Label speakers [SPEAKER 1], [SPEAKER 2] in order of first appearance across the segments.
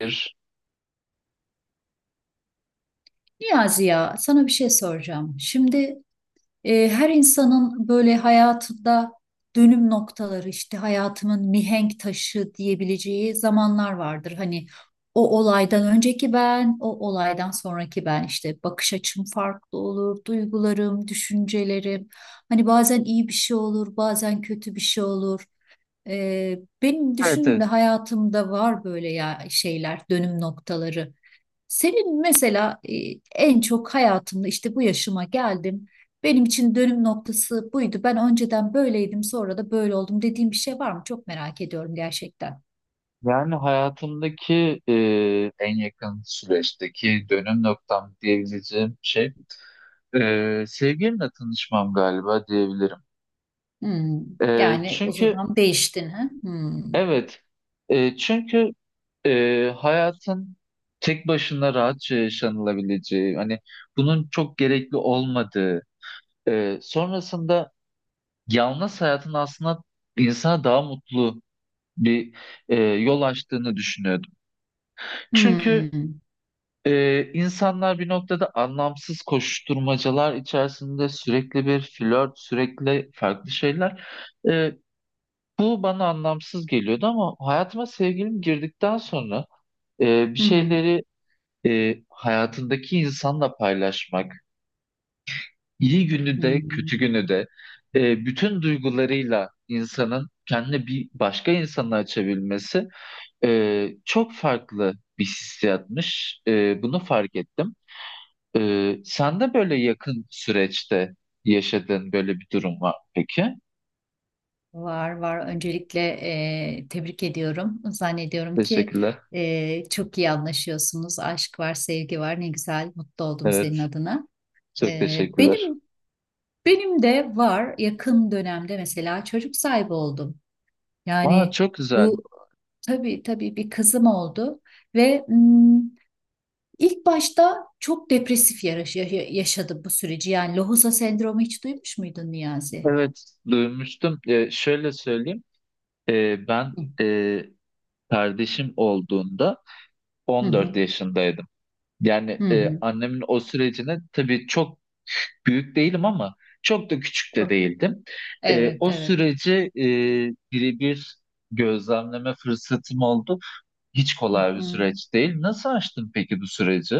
[SPEAKER 1] Bir.
[SPEAKER 2] Niyazi, ya sana bir şey soracağım. Şimdi her insanın böyle hayatında dönüm noktaları, işte hayatımın mihenk taşı diyebileceği zamanlar vardır. Hani o olaydan önceki ben, o olaydan sonraki ben, işte bakış açım farklı olur, duygularım, düşüncelerim. Hani bazen iyi bir şey olur, bazen kötü bir şey olur. Benim
[SPEAKER 1] Evet, evet.
[SPEAKER 2] düşündüğümde hayatımda var böyle ya şeyler, dönüm noktaları. Senin mesela en çok hayatımda işte bu yaşıma geldim. Benim için dönüm noktası buydu. Ben önceden böyleydim, sonra da böyle oldum dediğim bir şey var mı? Çok merak ediyorum gerçekten.
[SPEAKER 1] Yani hayatımdaki en yakın süreçteki dönüm noktam diyebileceğim şey sevgilimle tanışmam galiba diyebilirim.
[SPEAKER 2] Hmm.
[SPEAKER 1] E,
[SPEAKER 2] Yani o
[SPEAKER 1] çünkü
[SPEAKER 2] zaman değiştin ha? Hmm.
[SPEAKER 1] evet, çünkü hayatın tek başına rahatça yaşanılabileceği, hani bunun çok gerekli olmadığı, sonrasında yalnız hayatın aslında insana daha mutlu bir yol açtığını düşünüyordum. Çünkü
[SPEAKER 2] Hmm.
[SPEAKER 1] Ee, insanlar bir noktada anlamsız koşuşturmacalar içerisinde sürekli bir flört, sürekli farklı şeyler. Ee, Bu bana anlamsız geliyordu ama hayatıma sevgilim girdikten sonra bir
[SPEAKER 2] Hı hı.
[SPEAKER 1] şeyleri hayatındaki insanla paylaşmak, iyi günü de kötü
[SPEAKER 2] Hmm.
[SPEAKER 1] günü de bütün duygularıyla insanın kendini bir başka insana açabilmesi çok farklı bir hissiyatmış. E, bunu fark ettim. Sen de böyle yakın süreçte yaşadığın böyle bir durum var mı peki?
[SPEAKER 2] Var var. Öncelikle tebrik ediyorum. Zannediyorum ki
[SPEAKER 1] Teşekkürler.
[SPEAKER 2] çok iyi anlaşıyorsunuz. Aşk var, sevgi var. Ne güzel. Mutlu oldum
[SPEAKER 1] Evet,
[SPEAKER 2] senin adına.
[SPEAKER 1] çok
[SPEAKER 2] E,
[SPEAKER 1] teşekkürler.
[SPEAKER 2] benim benim de var. Yakın dönemde mesela çocuk sahibi oldum.
[SPEAKER 1] Aa,
[SPEAKER 2] Yani.
[SPEAKER 1] çok güzel.
[SPEAKER 2] Bu tabii, tabii bir kızım oldu ve ilk başta çok depresif yaşadım bu süreci. Yani lohusa sendromu hiç duymuş muydun Niyazi?
[SPEAKER 1] Evet, duymuştum. Şöyle söyleyeyim. Ben
[SPEAKER 2] Hı
[SPEAKER 1] e, kardeşim olduğunda 14
[SPEAKER 2] hı
[SPEAKER 1] yaşındaydım.
[SPEAKER 2] hı.
[SPEAKER 1] Yani
[SPEAKER 2] hı.
[SPEAKER 1] annemin o sürecine tabii çok büyük değilim ama çok da küçük de
[SPEAKER 2] Çok.
[SPEAKER 1] değildim.
[SPEAKER 2] Evet,
[SPEAKER 1] O
[SPEAKER 2] evet.
[SPEAKER 1] süreci birebir gözlemleme fırsatım oldu. Hiç
[SPEAKER 2] Hı
[SPEAKER 1] kolay bir
[SPEAKER 2] hı.
[SPEAKER 1] süreç değil. Nasıl aştın peki bu süreci?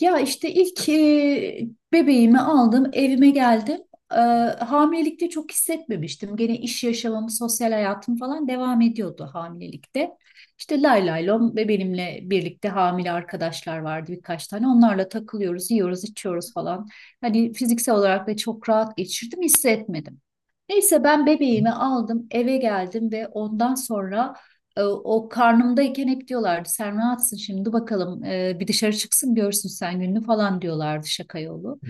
[SPEAKER 2] Ya işte ilk bebeğimi aldım, evime geldim. E, Hamilelikte çok hissetmemiştim. Gene iş yaşamım, sosyal hayatım falan devam ediyordu hamilelikte. İşte lay lay lom ve benimle birlikte hamile arkadaşlar vardı birkaç tane. Onlarla takılıyoruz, yiyoruz, içiyoruz falan. Hani fiziksel olarak da çok rahat geçirdim, hissetmedim. Neyse ben bebeğimi aldım, eve geldim ve ondan sonra o karnımdayken hep diyorlardı sen rahatsın şimdi bakalım, bir dışarı çıksın görsün sen gününü falan diyorlardı şaka yolu.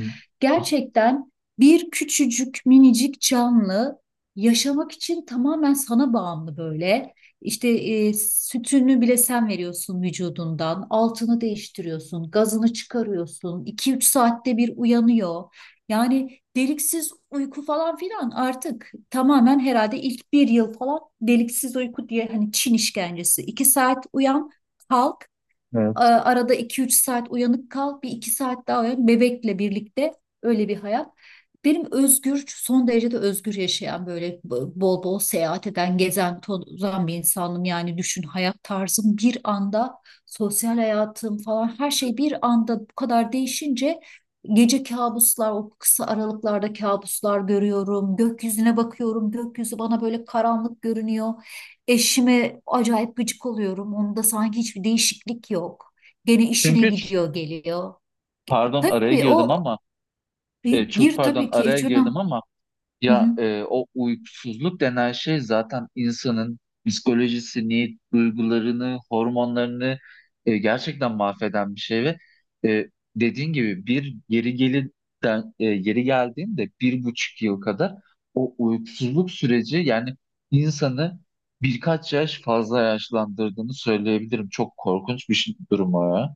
[SPEAKER 2] Gerçekten bir küçücük minicik canlı yaşamak için tamamen sana bağımlı böyle. İşte sütünü bile sen veriyorsun vücudundan, altını değiştiriyorsun, gazını çıkarıyorsun, iki üç saatte bir uyanıyor. Yani deliksiz uyku falan filan artık tamamen herhalde ilk bir yıl falan deliksiz uyku diye hani Çin işkencesi. İki saat uyan, kalk.
[SPEAKER 1] Evet.
[SPEAKER 2] Arada iki üç saat uyanık kal, bir 2 saat daha uyan bebekle birlikte, öyle bir hayat. Benim özgür, son derece de özgür yaşayan böyle bol bol seyahat eden, gezen, tozan bir insanım. Yani düşün, hayat tarzım bir anda, sosyal hayatım falan her şey bir anda bu kadar değişince gece kabuslar, o kısa aralıklarda kabuslar görüyorum. Gökyüzüne bakıyorum, gökyüzü bana böyle karanlık görünüyor. Eşime acayip gıcık oluyorum. Onda sanki hiçbir değişiklik yok. Gene işine
[SPEAKER 1] Çünkü
[SPEAKER 2] gidiyor geliyor.
[SPEAKER 1] Pardon araya
[SPEAKER 2] Tabii
[SPEAKER 1] girdim
[SPEAKER 2] o
[SPEAKER 1] ama
[SPEAKER 2] bir
[SPEAKER 1] e, çok
[SPEAKER 2] gir
[SPEAKER 1] pardon
[SPEAKER 2] tabii ki,
[SPEAKER 1] araya
[SPEAKER 2] hiç önemli.
[SPEAKER 1] girdim ama o uykusuzluk denen şey zaten insanın psikolojisini, duygularını, hormonlarını gerçekten mahveden bir şey ve e, dediğin gibi bir geri gelirden yeri geldiğinde bir buçuk yıl kadar o uykusuzluk süreci yani insanı birkaç yaş fazla yaşlandırdığını söyleyebilirim. Çok korkunç bir şey, durum o ya.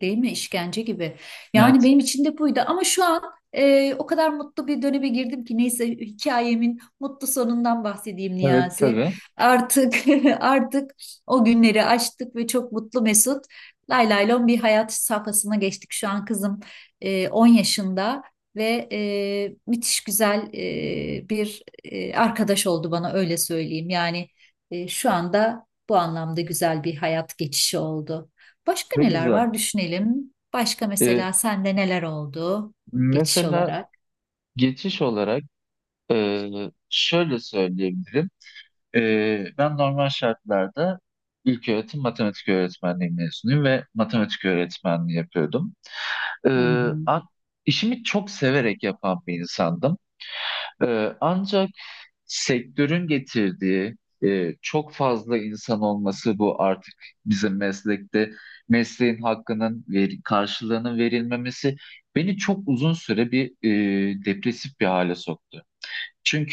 [SPEAKER 2] Değil mi? İşkence gibi. Yani
[SPEAKER 1] Evet.
[SPEAKER 2] benim için de buydu ama şu an o kadar mutlu bir döneme girdim ki, neyse hikayemin mutlu sonundan bahsedeyim
[SPEAKER 1] Evet
[SPEAKER 2] Niyazi.
[SPEAKER 1] tabii.
[SPEAKER 2] Artık artık o günleri aştık ve çok mutlu mesut. Lay lay lon bir hayat safhasına geçtik. Şu an kızım 10 yaşında ve müthiş güzel bir arkadaş oldu bana, öyle söyleyeyim. Yani şu anda bu anlamda güzel bir hayat geçişi oldu. Başka
[SPEAKER 1] Çok
[SPEAKER 2] neler
[SPEAKER 1] güzel.
[SPEAKER 2] var düşünelim. Başka
[SPEAKER 1] E,
[SPEAKER 2] mesela sende neler oldu geçiş
[SPEAKER 1] Mesela
[SPEAKER 2] olarak?
[SPEAKER 1] geçiş olarak. Şöyle söyleyebilirim. Ben normal şartlarda ilköğretim matematik öğretmenliği mezunuyum ve matematik öğretmenliği yapıyordum. Ee,
[SPEAKER 2] Hı hı.
[SPEAKER 1] a- işimi çok severek yapan bir insandım. Ancak sektörün getirdiği çok fazla insan olması bu artık bizim meslekte mesleğin karşılığının verilmemesi beni çok uzun süre bir depresif bir hale soktu.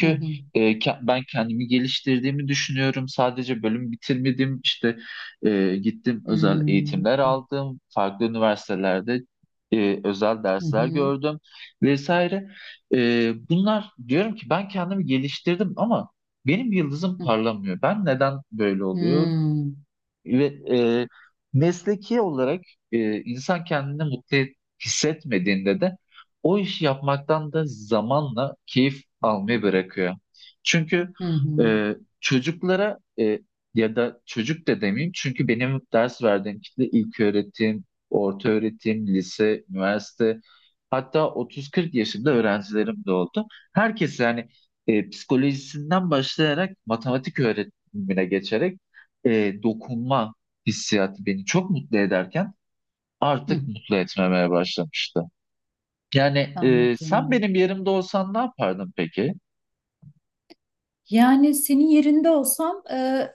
[SPEAKER 2] Hı hı.
[SPEAKER 1] e, ke- ben kendimi geliştirdiğimi düşünüyorum. Sadece bölüm bitirmedim. İşte gittim özel
[SPEAKER 2] Hmm.
[SPEAKER 1] eğitimler aldım. Farklı üniversitelerde özel
[SPEAKER 2] Hı
[SPEAKER 1] dersler
[SPEAKER 2] hı.
[SPEAKER 1] gördüm vesaire. E, bunlar diyorum ki ben kendimi geliştirdim ama benim yıldızım
[SPEAKER 2] Hı
[SPEAKER 1] parlamıyor. Ben neden böyle oluyor?
[SPEAKER 2] hı.
[SPEAKER 1] Ve e, mesleki olarak insan kendini hissetmediğinde de o işi yapmaktan da zamanla keyif almayı bırakıyor. Çünkü
[SPEAKER 2] Hı hı.
[SPEAKER 1] e, çocuklara ya da çocuk da demeyeyim çünkü benim ders verdiğim kitle ilk öğretim, orta öğretim, lise, üniversite hatta 30-40 yaşında öğrencilerim de oldu. Herkes yani psikolojisinden başlayarak matematik öğretimine geçerek dokunma hissiyatı beni çok mutlu ederken
[SPEAKER 2] Hı.
[SPEAKER 1] artık mutlu etmemeye başlamıştı. Yani sen
[SPEAKER 2] Anladım.
[SPEAKER 1] benim yerimde olsan ne yapardın peki?
[SPEAKER 2] Yani senin yerinde olsam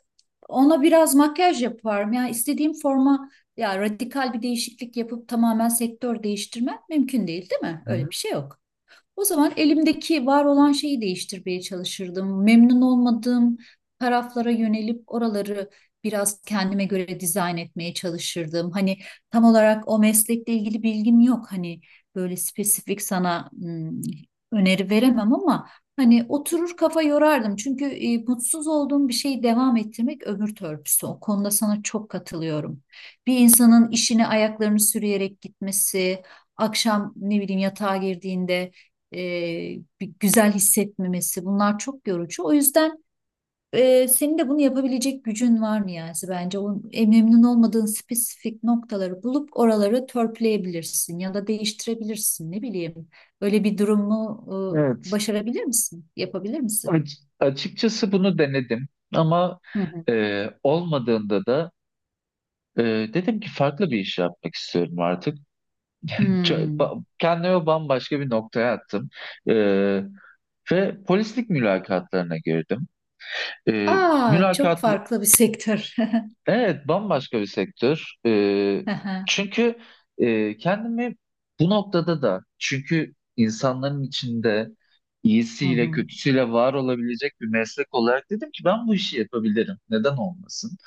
[SPEAKER 2] ona biraz makyaj yaparım. Yani istediğim forma, ya radikal bir değişiklik yapıp tamamen sektör değiştirmem mümkün değil, değil mi?
[SPEAKER 1] Hı
[SPEAKER 2] Öyle
[SPEAKER 1] hı.
[SPEAKER 2] bir şey yok. O zaman elimdeki var olan şeyi değiştirmeye çalışırdım. Memnun olmadığım taraflara yönelip oraları biraz kendime göre dizayn etmeye çalışırdım. Hani tam olarak o meslekle ilgili bilgim yok. Hani böyle spesifik sana öneri veremem ama hani oturur kafa yorardım. Çünkü mutsuz olduğum bir şeyi devam ettirmek ömür törpüsü. O konuda sana çok katılıyorum. Bir insanın işine ayaklarını sürüyerek gitmesi, akşam ne bileyim yatağa girdiğinde e, bir güzel hissetmemesi, bunlar çok yorucu. O yüzden senin de bunu yapabilecek gücün var mı yani? Bence. O memnun olmadığın spesifik noktaları bulup oraları törpüleyebilirsin ya da değiştirebilirsin, ne bileyim. Öyle bir durumu
[SPEAKER 1] Evet.
[SPEAKER 2] başarabilir misin? Yapabilir misin?
[SPEAKER 1] Açıkçası bunu denedim ama
[SPEAKER 2] Hı hı.
[SPEAKER 1] olmadığında da e, dedim ki farklı bir iş yapmak istiyorum artık.
[SPEAKER 2] Hmm.
[SPEAKER 1] Kendimi bambaşka bir noktaya attım. E, Ve polislik mülakatlarına girdim. E,
[SPEAKER 2] Aa, çok
[SPEAKER 1] mülakat
[SPEAKER 2] farklı bir sektör.
[SPEAKER 1] Evet, bambaşka bir sektör.
[SPEAKER 2] Hı hı.
[SPEAKER 1] Çünkü kendimi bu noktada da çünkü insanların içinde
[SPEAKER 2] Hı
[SPEAKER 1] iyisiyle
[SPEAKER 2] hı.
[SPEAKER 1] kötüsüyle var olabilecek bir meslek olarak dedim ki ben bu işi yapabilirim. Neden olmasın?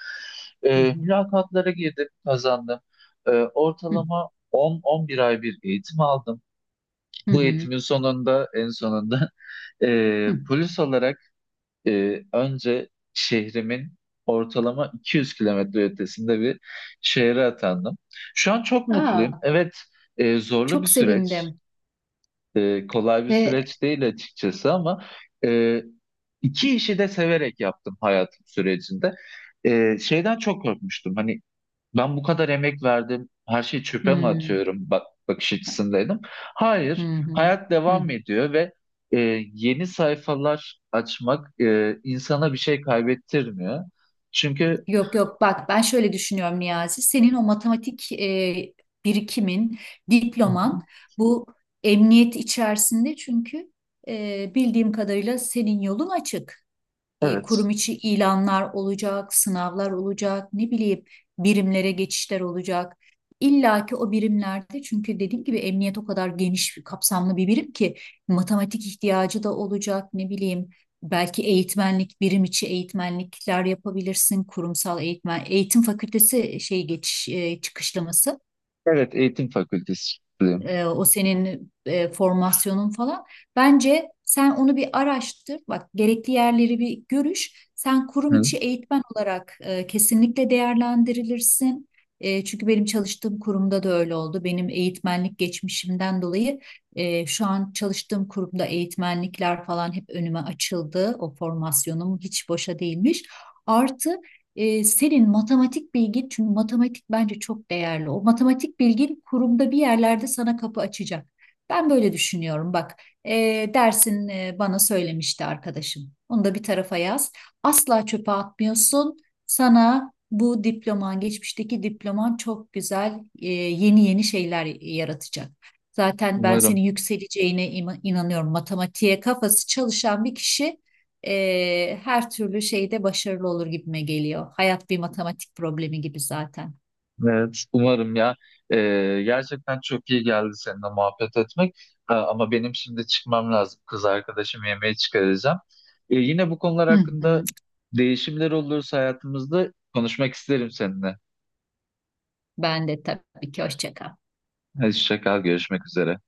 [SPEAKER 2] Hı
[SPEAKER 1] Mülakatlara girdim, kazandım.
[SPEAKER 2] hı.
[SPEAKER 1] Ortalama 10-11 ay bir eğitim aldım.
[SPEAKER 2] Hı
[SPEAKER 1] Bu
[SPEAKER 2] hı.
[SPEAKER 1] eğitimin sonunda en sonunda
[SPEAKER 2] Hı.
[SPEAKER 1] polis olarak önce şehrimin ortalama 200 kilometre ötesinde bir şehre atandım. Şu an çok mutluyum.
[SPEAKER 2] Aa,
[SPEAKER 1] Evet, zorlu bir
[SPEAKER 2] çok
[SPEAKER 1] süreç.
[SPEAKER 2] sevindim
[SPEAKER 1] E, kolay bir
[SPEAKER 2] ve
[SPEAKER 1] süreç değil açıkçası ama e, iki işi de severek yaptım hayatım sürecinde. E, şeyden çok korkmuştum. Hani ben bu kadar emek verdim. Her şeyi çöpe mi
[SPEAKER 2] hmm.
[SPEAKER 1] atıyorum? Bak, bakış açısındaydım.
[SPEAKER 2] Hı
[SPEAKER 1] Hayır,
[SPEAKER 2] hı.
[SPEAKER 1] hayat devam
[SPEAKER 2] Hı.
[SPEAKER 1] ediyor ve e, yeni sayfalar açmak insana bir şey kaybettirmiyor. Çünkü
[SPEAKER 2] Yok, yok, bak, ben şöyle düşünüyorum Niyazi. Senin o matematik birikimin, diploman, bu emniyet içerisinde, çünkü bildiğim kadarıyla senin yolun açık,
[SPEAKER 1] evet,
[SPEAKER 2] kurum içi ilanlar olacak, sınavlar olacak, ne bileyim birimlere geçişler olacak. İlla ki o birimlerde, çünkü dediğim gibi emniyet o kadar geniş bir kapsamlı bir birim ki matematik ihtiyacı da olacak, ne bileyim, belki eğitmenlik, birim içi eğitmenlikler yapabilirsin, kurumsal eğitmen, eğitim fakültesi şey geçiş çıkışlaması,
[SPEAKER 1] evet eğitim fakültesiyim.
[SPEAKER 2] o senin formasyonun falan. Bence sen onu bir araştır. Bak, gerekli yerleri bir görüş. Sen kurum
[SPEAKER 1] Hı,
[SPEAKER 2] içi eğitmen olarak kesinlikle değerlendirilirsin. Çünkü benim çalıştığım kurumda da öyle oldu. Benim eğitmenlik geçmişimden dolayı şu an çalıştığım kurumda eğitmenlikler falan hep önüme açıldı. O formasyonum hiç boşa değilmiş. Artı senin matematik bilgin, çünkü matematik bence çok değerli. O matematik bilgin kurumda bir yerlerde sana kapı açacak. Ben böyle düşünüyorum. Bak, e, dersin bana söylemişti arkadaşım. Onu da bir tarafa yaz. Asla çöpe atmıyorsun. Sana bu diploman, geçmişteki diploman çok güzel, yeni yeni şeyler yaratacak. Zaten ben
[SPEAKER 1] umarım.
[SPEAKER 2] senin yükseleceğine inanıyorum. Matematiğe kafası çalışan bir kişi her türlü şeyde başarılı olur gibime geliyor. Hayat bir matematik problemi gibi zaten.
[SPEAKER 1] Evet, umarım ya. Gerçekten çok iyi geldi seninle muhabbet etmek. Ha, ama benim şimdi çıkmam lazım. Kız arkadaşım yemeğe çıkaracağım. Yine bu konular
[SPEAKER 2] Hı
[SPEAKER 1] hakkında
[SPEAKER 2] hı.
[SPEAKER 1] değişimler olursa hayatımızda konuşmak isterim seninle.
[SPEAKER 2] Ben de tabii ki hoşça kal.
[SPEAKER 1] Hadi hoşça kal, görüşmek üzere.